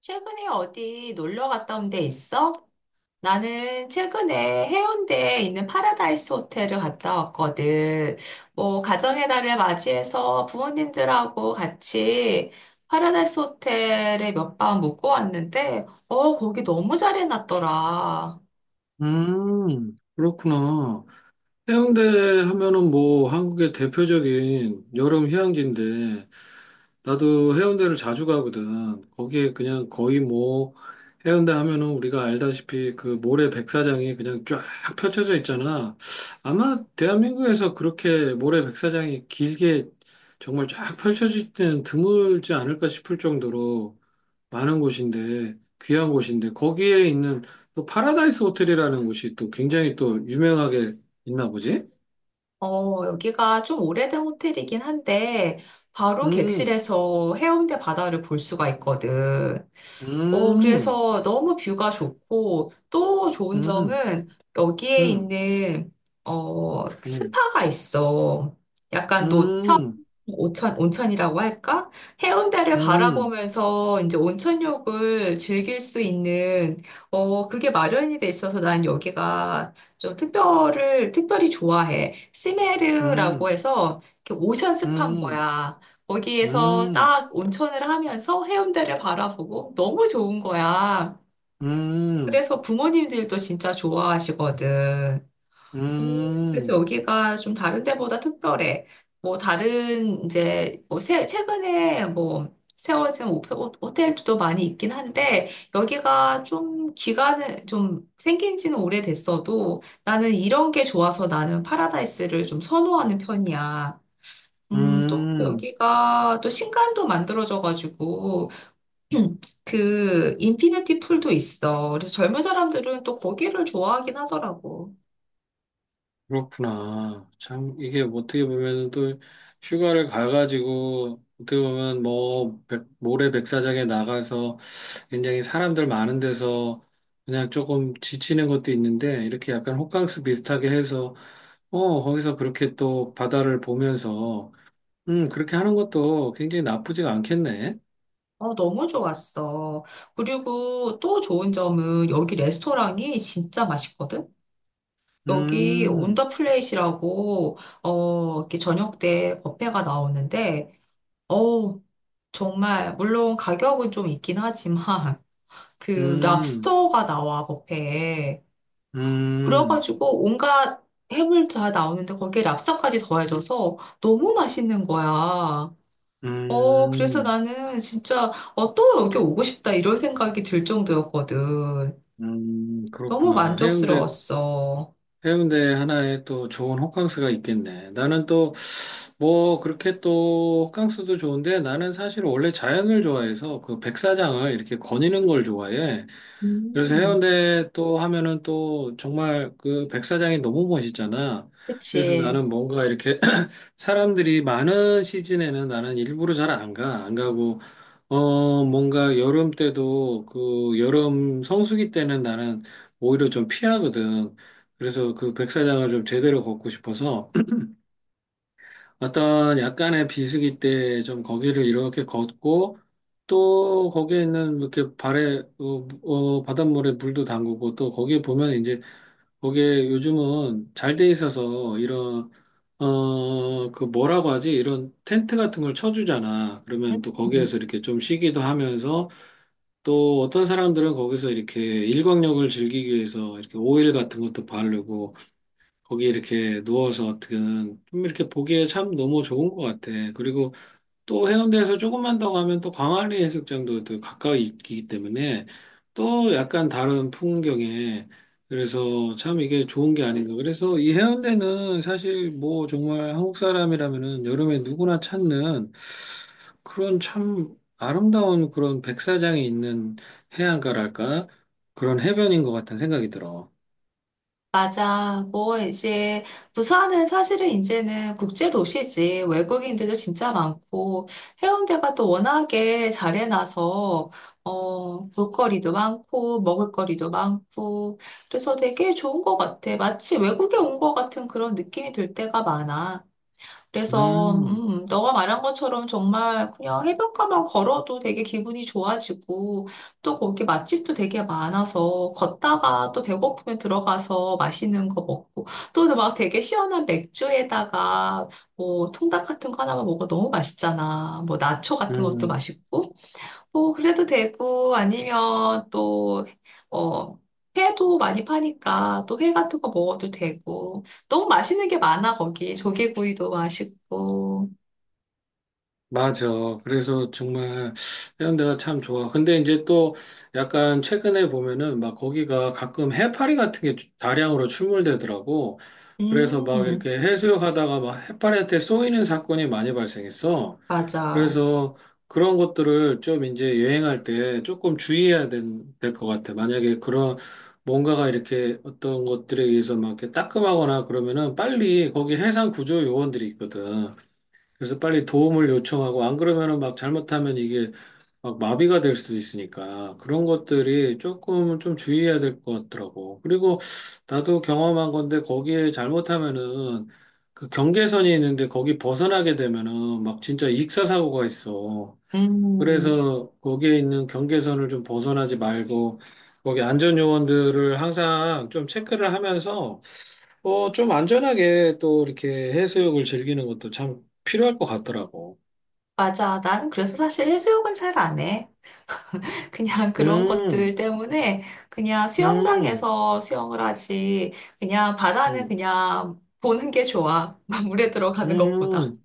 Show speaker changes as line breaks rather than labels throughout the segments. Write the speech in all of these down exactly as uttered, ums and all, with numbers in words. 최근에 어디 놀러 갔다 온 데 있어? 나는 최근에 해운대에 있는 파라다이스 호텔을 갔다 왔거든. 뭐, 가정의 달을 맞이해서 부모님들하고 같이 파라다이스 호텔에 몇 밤 묵고 왔는데, 어, 거기 너무 잘 해놨더라.
음, 그렇구나. 해운대 하면은 뭐 한국의 대표적인 여름 휴양지인데 나도 해운대를 자주 가거든. 거기에 그냥 거의 뭐 해운대 하면은 우리가 알다시피 그 모래 백사장이 그냥 쫙 펼쳐져 있잖아. 아마 대한민국에서 그렇게 모래 백사장이 길게 정말 쫙 펼쳐질 때는 드물지 않을까 싶을 정도로 많은 곳인데, 귀한 곳인데, 거기에 있는 또 파라다이스 호텔이라는 곳이 또 굉장히 또 유명하게 있나 보지?
어, 여기가 좀 오래된 호텔이긴 한데, 바로
음.
객실에서 해운대 바다를 볼 수가 있거든. 어,
음.
그래서 너무 뷰가 좋고, 또 좋은
음.
점은 여기에
음.
있는, 어,
음.
스파가 있어. 약간 노천,
음.
온천, 온천이라고 할까? 해운대를
음.
바라보면서 이제 온천욕을 즐길 수 있는, 어, 그게 마련이 돼 있어서 난 여기가 좀 특별을, 특별히 좋아해.
음.
시메르라고
음.
해서 이렇게 오션 스파인
음.
거야. 거기에서
음.
딱 온천을 하면서 해운대를 바라보고 너무 좋은 거야. 그래서 부모님들도 진짜 좋아하시거든. 오, 그래서
음.
여기가 좀 다른 데보다 특별해. 뭐 다른 이제 뭐 새, 최근에 뭐 세워진 오 호- 호텔들도 많이 있긴 한데 여기가 좀 기간은 좀 생긴 지는 오래됐어도 나는 이런 게 좋아서 나는 파라다이스를 좀 선호하는 편이야. 음, 또
음.
여기가 또 신관도 만들어져가지고 그 인피니티 풀도 있어. 그래서 젊은 사람들은 또 거기를 좋아하긴 하더라고.
그렇구나. 참, 이게 뭐 어떻게 보면 또 휴가를 가가지고, 어떻게 보면 뭐, 백- 모래 백사장에 나가서 굉장히 사람들 많은 데서 그냥 조금 지치는 것도 있는데 이렇게 약간 호캉스 비슷하게 해서 어 거기서 그렇게 또 바다를 보면서 음 그렇게 하는 것도 굉장히 나쁘지가 않겠네.
어, 너무 좋았어. 그리고 또 좋은 점은 여기 레스토랑이 진짜 맛있거든? 여기 온
음.
더 플레이시라고, 어, 이렇게 저녁 때 뷔페가 나오는데, 어우, 정말, 물론 가격은 좀 있긴 하지만, 그
음.
랍스터가 나와, 뷔페에.
음.
그래가지고 온갖 해물 다 나오는데 거기에 랍스터까지 더해져서 너무 맛있는 거야. 어, 그래서
음.
나는 진짜, 어, 또 여기 오고 싶다, 이런 생각이 들 정도였거든.
음.
너무
그렇구나. 해운대
만족스러웠어.
해운대 하나에 또 좋은 호캉스가 있겠네. 나는 또, 뭐, 그렇게 또, 호캉스도 좋은데, 나는 사실 원래 자연을 좋아해서 그 백사장을 이렇게 거니는 걸 좋아해. 그래서
음,
해운대 또 하면은 또 정말 그 백사장이 너무 멋있잖아. 그래서
그치.
나는 뭔가 이렇게 사람들이 많은 시즌에는 나는 일부러 잘 안 가. 안 가고, 어, 뭔가 여름 때도 그 여름 성수기 때는 나는 오히려 좀 피하거든. 그래서 그 백사장을 좀 제대로 걷고 싶어서 어떤 약간의 비수기 때 좀 거기를 이렇게 걷고 또 거기에 있는 이렇게 발에 어, 어, 바닷물에 물도 담그고 또 거기에 보면 이제 거기에 요즘은 잘 돼 있어서 이런 어, 그 뭐라고 하지? 이런 텐트 같은 걸 쳐주잖아. 그러면 또
음,
거기에서 이렇게 좀 쉬기도 하면서 또 어떤 사람들은 거기서 이렇게 일광욕을 즐기기 위해서 이렇게 오일 같은 것도 바르고 거기 이렇게 누워서 어떻게든 좀 이렇게 보기에 참 너무 좋은 것 같아. 그리고 또 해운대에서 조금만 더 가면 또 광안리 해수욕장도 또 가까이 있기 때문에 또 약간 다른 풍경에 그래서 참 이게 좋은 게 아닌가. 그래서 이 해운대는 사실 뭐 정말 한국 사람이라면은 여름에 누구나 찾는 그런 참 아름다운 그런 백사장이 있는 해안가랄까? 그런 해변인 것 같은 생각이 들어.
맞아. 뭐, 이제, 부산은 사실은 이제는 국제도시지. 외국인들도 진짜 많고, 해운대가 또 워낙에 잘 해놔서, 어, 볼거리도 많고, 먹을거리도 많고, 그래서 되게 좋은 것 같아. 마치 외국에 온 것 같은 그런 느낌이 들 때가 많아. 그래서
음.
음, 너가 말한 것처럼 정말 그냥 해변가만 걸어도 되게 기분이 좋아지고 또 거기 맛집도 되게 많아서 걷다가 또 배고프면 들어가서 맛있는 거 먹고 또 막 되게 시원한 맥주에다가 뭐 통닭 같은 거 하나만 먹어 너무 맛있잖아. 뭐 나초 같은 것도
음.
맛있고. 뭐 그래도 되고 아니면 또 어, 회도 많이 파니까 또 회 같은 거 먹어도 되고 너무 맛있는 게 많아. 거기 조개구이도 맛있고.
맞아. 그래서 정말 이런 데가 참 좋아. 근데 이제 또 약간 최근에 보면은 막 거기가 가끔 해파리 같은 게 다량으로 출몰되더라고. 그래서 막
음,
이렇게 해수욕 하다가 막 해파리한테 쏘이는 사건이 많이 발생했어.
맞아.
그래서 그런 것들을 좀 이제 여행할 때 조금 주의해야 된- 될것 같아. 만약에 그런 뭔가가 이렇게 어떤 것들에 의해서 막 이렇게 따끔하거나 그러면은 빨리 거기 해상 구조 요원들이 있거든. 그래서 빨리 도움을 요청하고 안 그러면은 막 잘못하면 이게 막 마비가 될 수도 있으니까 그런 것들이 조금 좀 주의해야 될 것 같더라고. 그리고 나도 경험한 건데 거기에 잘못하면은 그 경계선이 있는데 거기 벗어나게 되면은 막 진짜 익사 사고가 있어.
음,
그래서 거기에 있는 경계선을 좀 벗어나지 말고 거기 안전 요원들을 항상 좀 체크를 하면서 어, 좀 안전하게 또 이렇게 해수욕을 즐기는 것도 참 필요할 것 같더라고.
맞아. 나는 그래서 사실 해수욕은 잘 안 해. 그냥 그런 것들
음.
때문에 그냥
음.
수영장에서 수영을 하지. 그냥 바다는
음.
그냥 보는 게 좋아, 물에 들어가는 것보다.
음.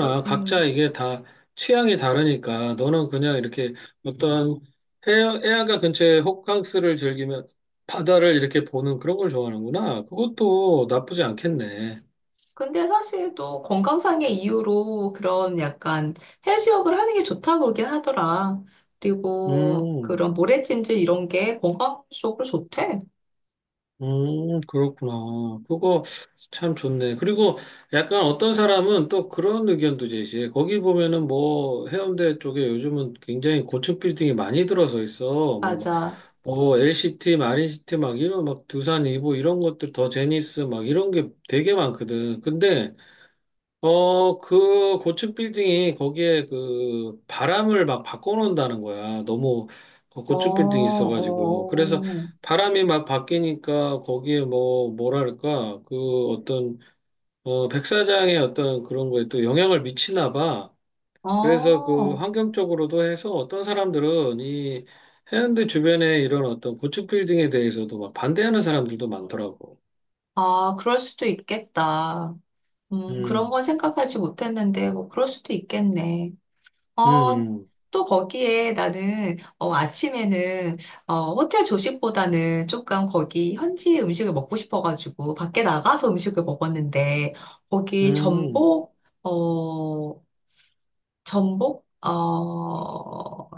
물-
각자
음.
이게 다 취향이 다르니까 너는 그냥 이렇게 어떤 해, 해안가 근처에 호캉스를 즐기면 바다를 이렇게 보는 그런 걸 좋아하는구나. 그것도 나쁘지 않겠네.
근데 사실 또 건강상의 이유로 그런 약간 해수욕을 하는 게 좋다고 그러긴 하더라. 그리고
음.
그런 모래찜질 이런 게 건강적으로 좋대.
음. 그렇구나. 그거 참 좋네. 그리고 약간 어떤 사람은 또 그런 의견도 제시해. 거기 보면은 뭐 해운대 쪽에 요즘은 굉장히 고층 빌딩이 많이 들어서 있어. 뭐
맞아.
어, 엘씨티, 마린시티 막 이런 막 두산 이보 이런 것들 더 제니스 막 이런 게 되게 많거든. 근데 어, 그 고층 빌딩이 거기에 그 바람을 막 바꿔놓는다는 거야. 너무 그
어,
고층 빌딩이 있어가지고. 그래서
어,
바람이 막 바뀌니까 거기에 뭐 뭐랄까 그 어떤 어 백사장의 어떤 그런 거에 또 영향을 미치나 봐. 그래서 그
어.
환경적으로도 해서 어떤 사람들은 이 해운대 주변에 이런 어떤 고층 빌딩에 대해서도 막 반대하는 사람들도 많더라고.
아, 그럴 수도 있겠다. 음, 그런
음.
건 생각하지 못했는데, 뭐, 그럴 수도 있겠네. 어,
음.
또 거기에 나는 어, 아침에는 어, 호텔 조식보다는 조금 거기 현지 음식을 먹고 싶어가지고 밖에 나가서 음식을 먹었는데 거기
음.
전복 어 전복 어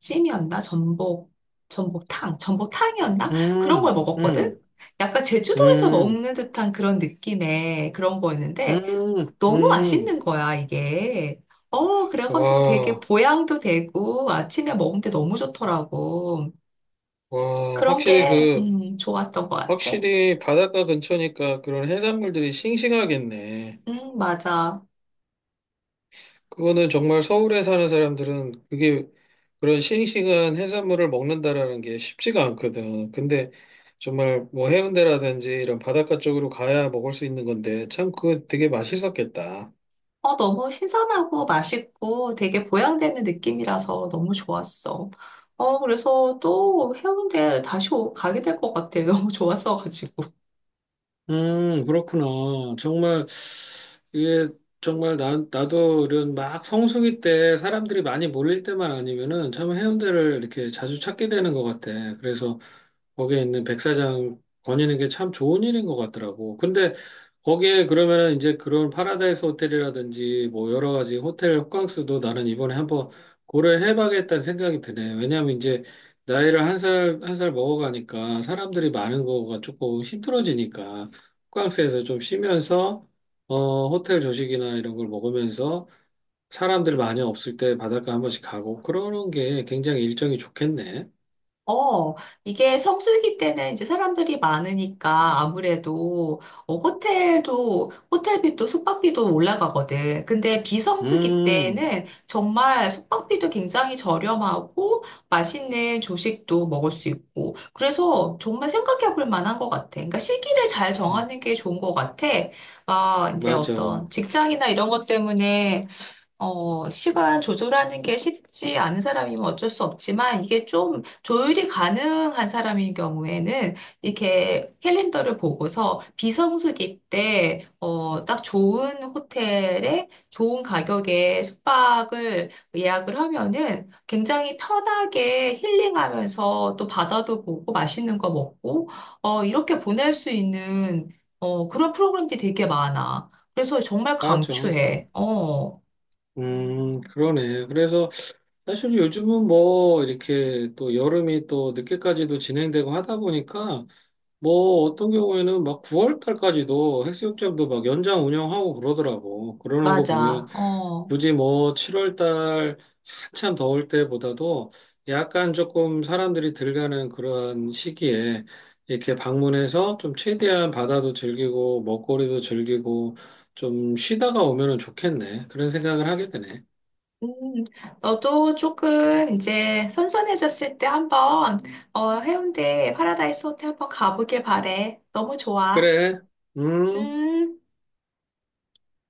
찜이었나, 전복, 전복탕, 전복탕이었나, 그런
음.
걸
음.
먹었거든. 약간 제주도에서
음.
먹는 듯한 그런 느낌의 그런 거였는데
음.
너무
음.
맛있는 거야, 이게. 어, 그래가지고 되게
와,
보양도 되고 아침에 먹는데 너무 좋더라고.
와,
그런
확실히
게,
그,
음, 좋았던 것 같아.
확실히 바닷가 근처니까 그런 해산물들이 싱싱하겠네.
음, 맞아.
그거는 정말 서울에 사는 사람들은 그게 그런 싱싱한 해산물을 먹는다라는 게 쉽지가 않거든. 근데 정말 뭐 해운대라든지 이런 바닷가 쪽으로 가야 먹을 수 있는 건데 참 그거 되게 맛있었겠다.
어, 너무 신선하고 맛있고 되게 보양되는 느낌이라서 너무 좋았어. 어, 그래서 또 해운대 다시 오- 가게 될 것 같아. 너무 좋았어가지고.
음, 그렇구나. 정말, 이게, 정말, 나, 나도 이런 막 성수기 때 사람들이 많이 몰릴 때만 아니면은 참 해운대를 이렇게 자주 찾게 되는 것 같아. 그래서 거기에 있는 백사장 거니는 게 참 좋은 일인 것 같더라고. 근데 거기에 그러면은 이제 그런 파라다이스 호텔이라든지 뭐 여러 가지 호텔 호캉스도 나는 이번에 한번 고려를 해봐야겠다는 생각이 드네. 왜냐하면 이제 나이를 한 살, 한 살 먹어가니까 사람들이 많은 거가 조금 힘들어지니까 호캉스에서 좀 쉬면서 어, 호텔 조식이나 이런 걸 먹으면서 사람들 많이 없을 때 바닷가 한 번씩 가고 그러는 게 굉장히 일정이 좋겠네.
어, 이게 성수기 때는 이제 사람들이 많으니까 아무래도 어, 호텔도, 호텔비도 숙박비도 올라가거든. 근데 비성수기
음.
때는 정말 숙박비도 굉장히 저렴하고 맛있는 조식도 먹을 수 있고. 그래서 정말 생각해 볼 만한 것 같아. 그러니까 시기를 잘
음.
정하는 게 좋은 것 같아. 아, 이제
맞아.
어떤 직장이나 이런 것 때문에 어, 시간 조절하는 게 쉽지 않은 사람이면 어쩔 수 없지만 이게 좀 조율이 가능한 사람인 경우에는 이렇게 캘린더를 보고서 비성수기 때, 어, 딱 좋은 호텔에 좋은 가격에 숙박을 예약을 하면은 굉장히 편하게 힐링하면서 또 바다도 보고 맛있는 거 먹고, 어, 이렇게 보낼 수 있는, 어, 그런 프로그램들이 되게 많아. 그래서 정말
맞아.
강추해.
음.
어.
음. 그러네. 그래서 사실 요즘은 뭐 이렇게 또 여름이 또 늦게까지도 진행되고 하다 보니까 뭐 어떤 경우에는 막 구월 달까지도 해수욕장도 막 연장 운영하고 그러더라고. 그러는 거 보면
맞아. 어.
굳이 뭐 칠월 달 한참 더울 때보다도 약간 조금 사람들이 들가는 그런 시기에 이렇게 방문해서 좀 최대한 바다도 즐기고 먹거리도 즐기고 좀 쉬다가 오면은 좋겠네. 그런 생각을 하게 되네.
음, 너도 조금 이제 선선해졌을 때 한번, 어, 해운대 파라다이스 호텔 한번 가보길 바래. 너무 좋아.
그래. 음.
음.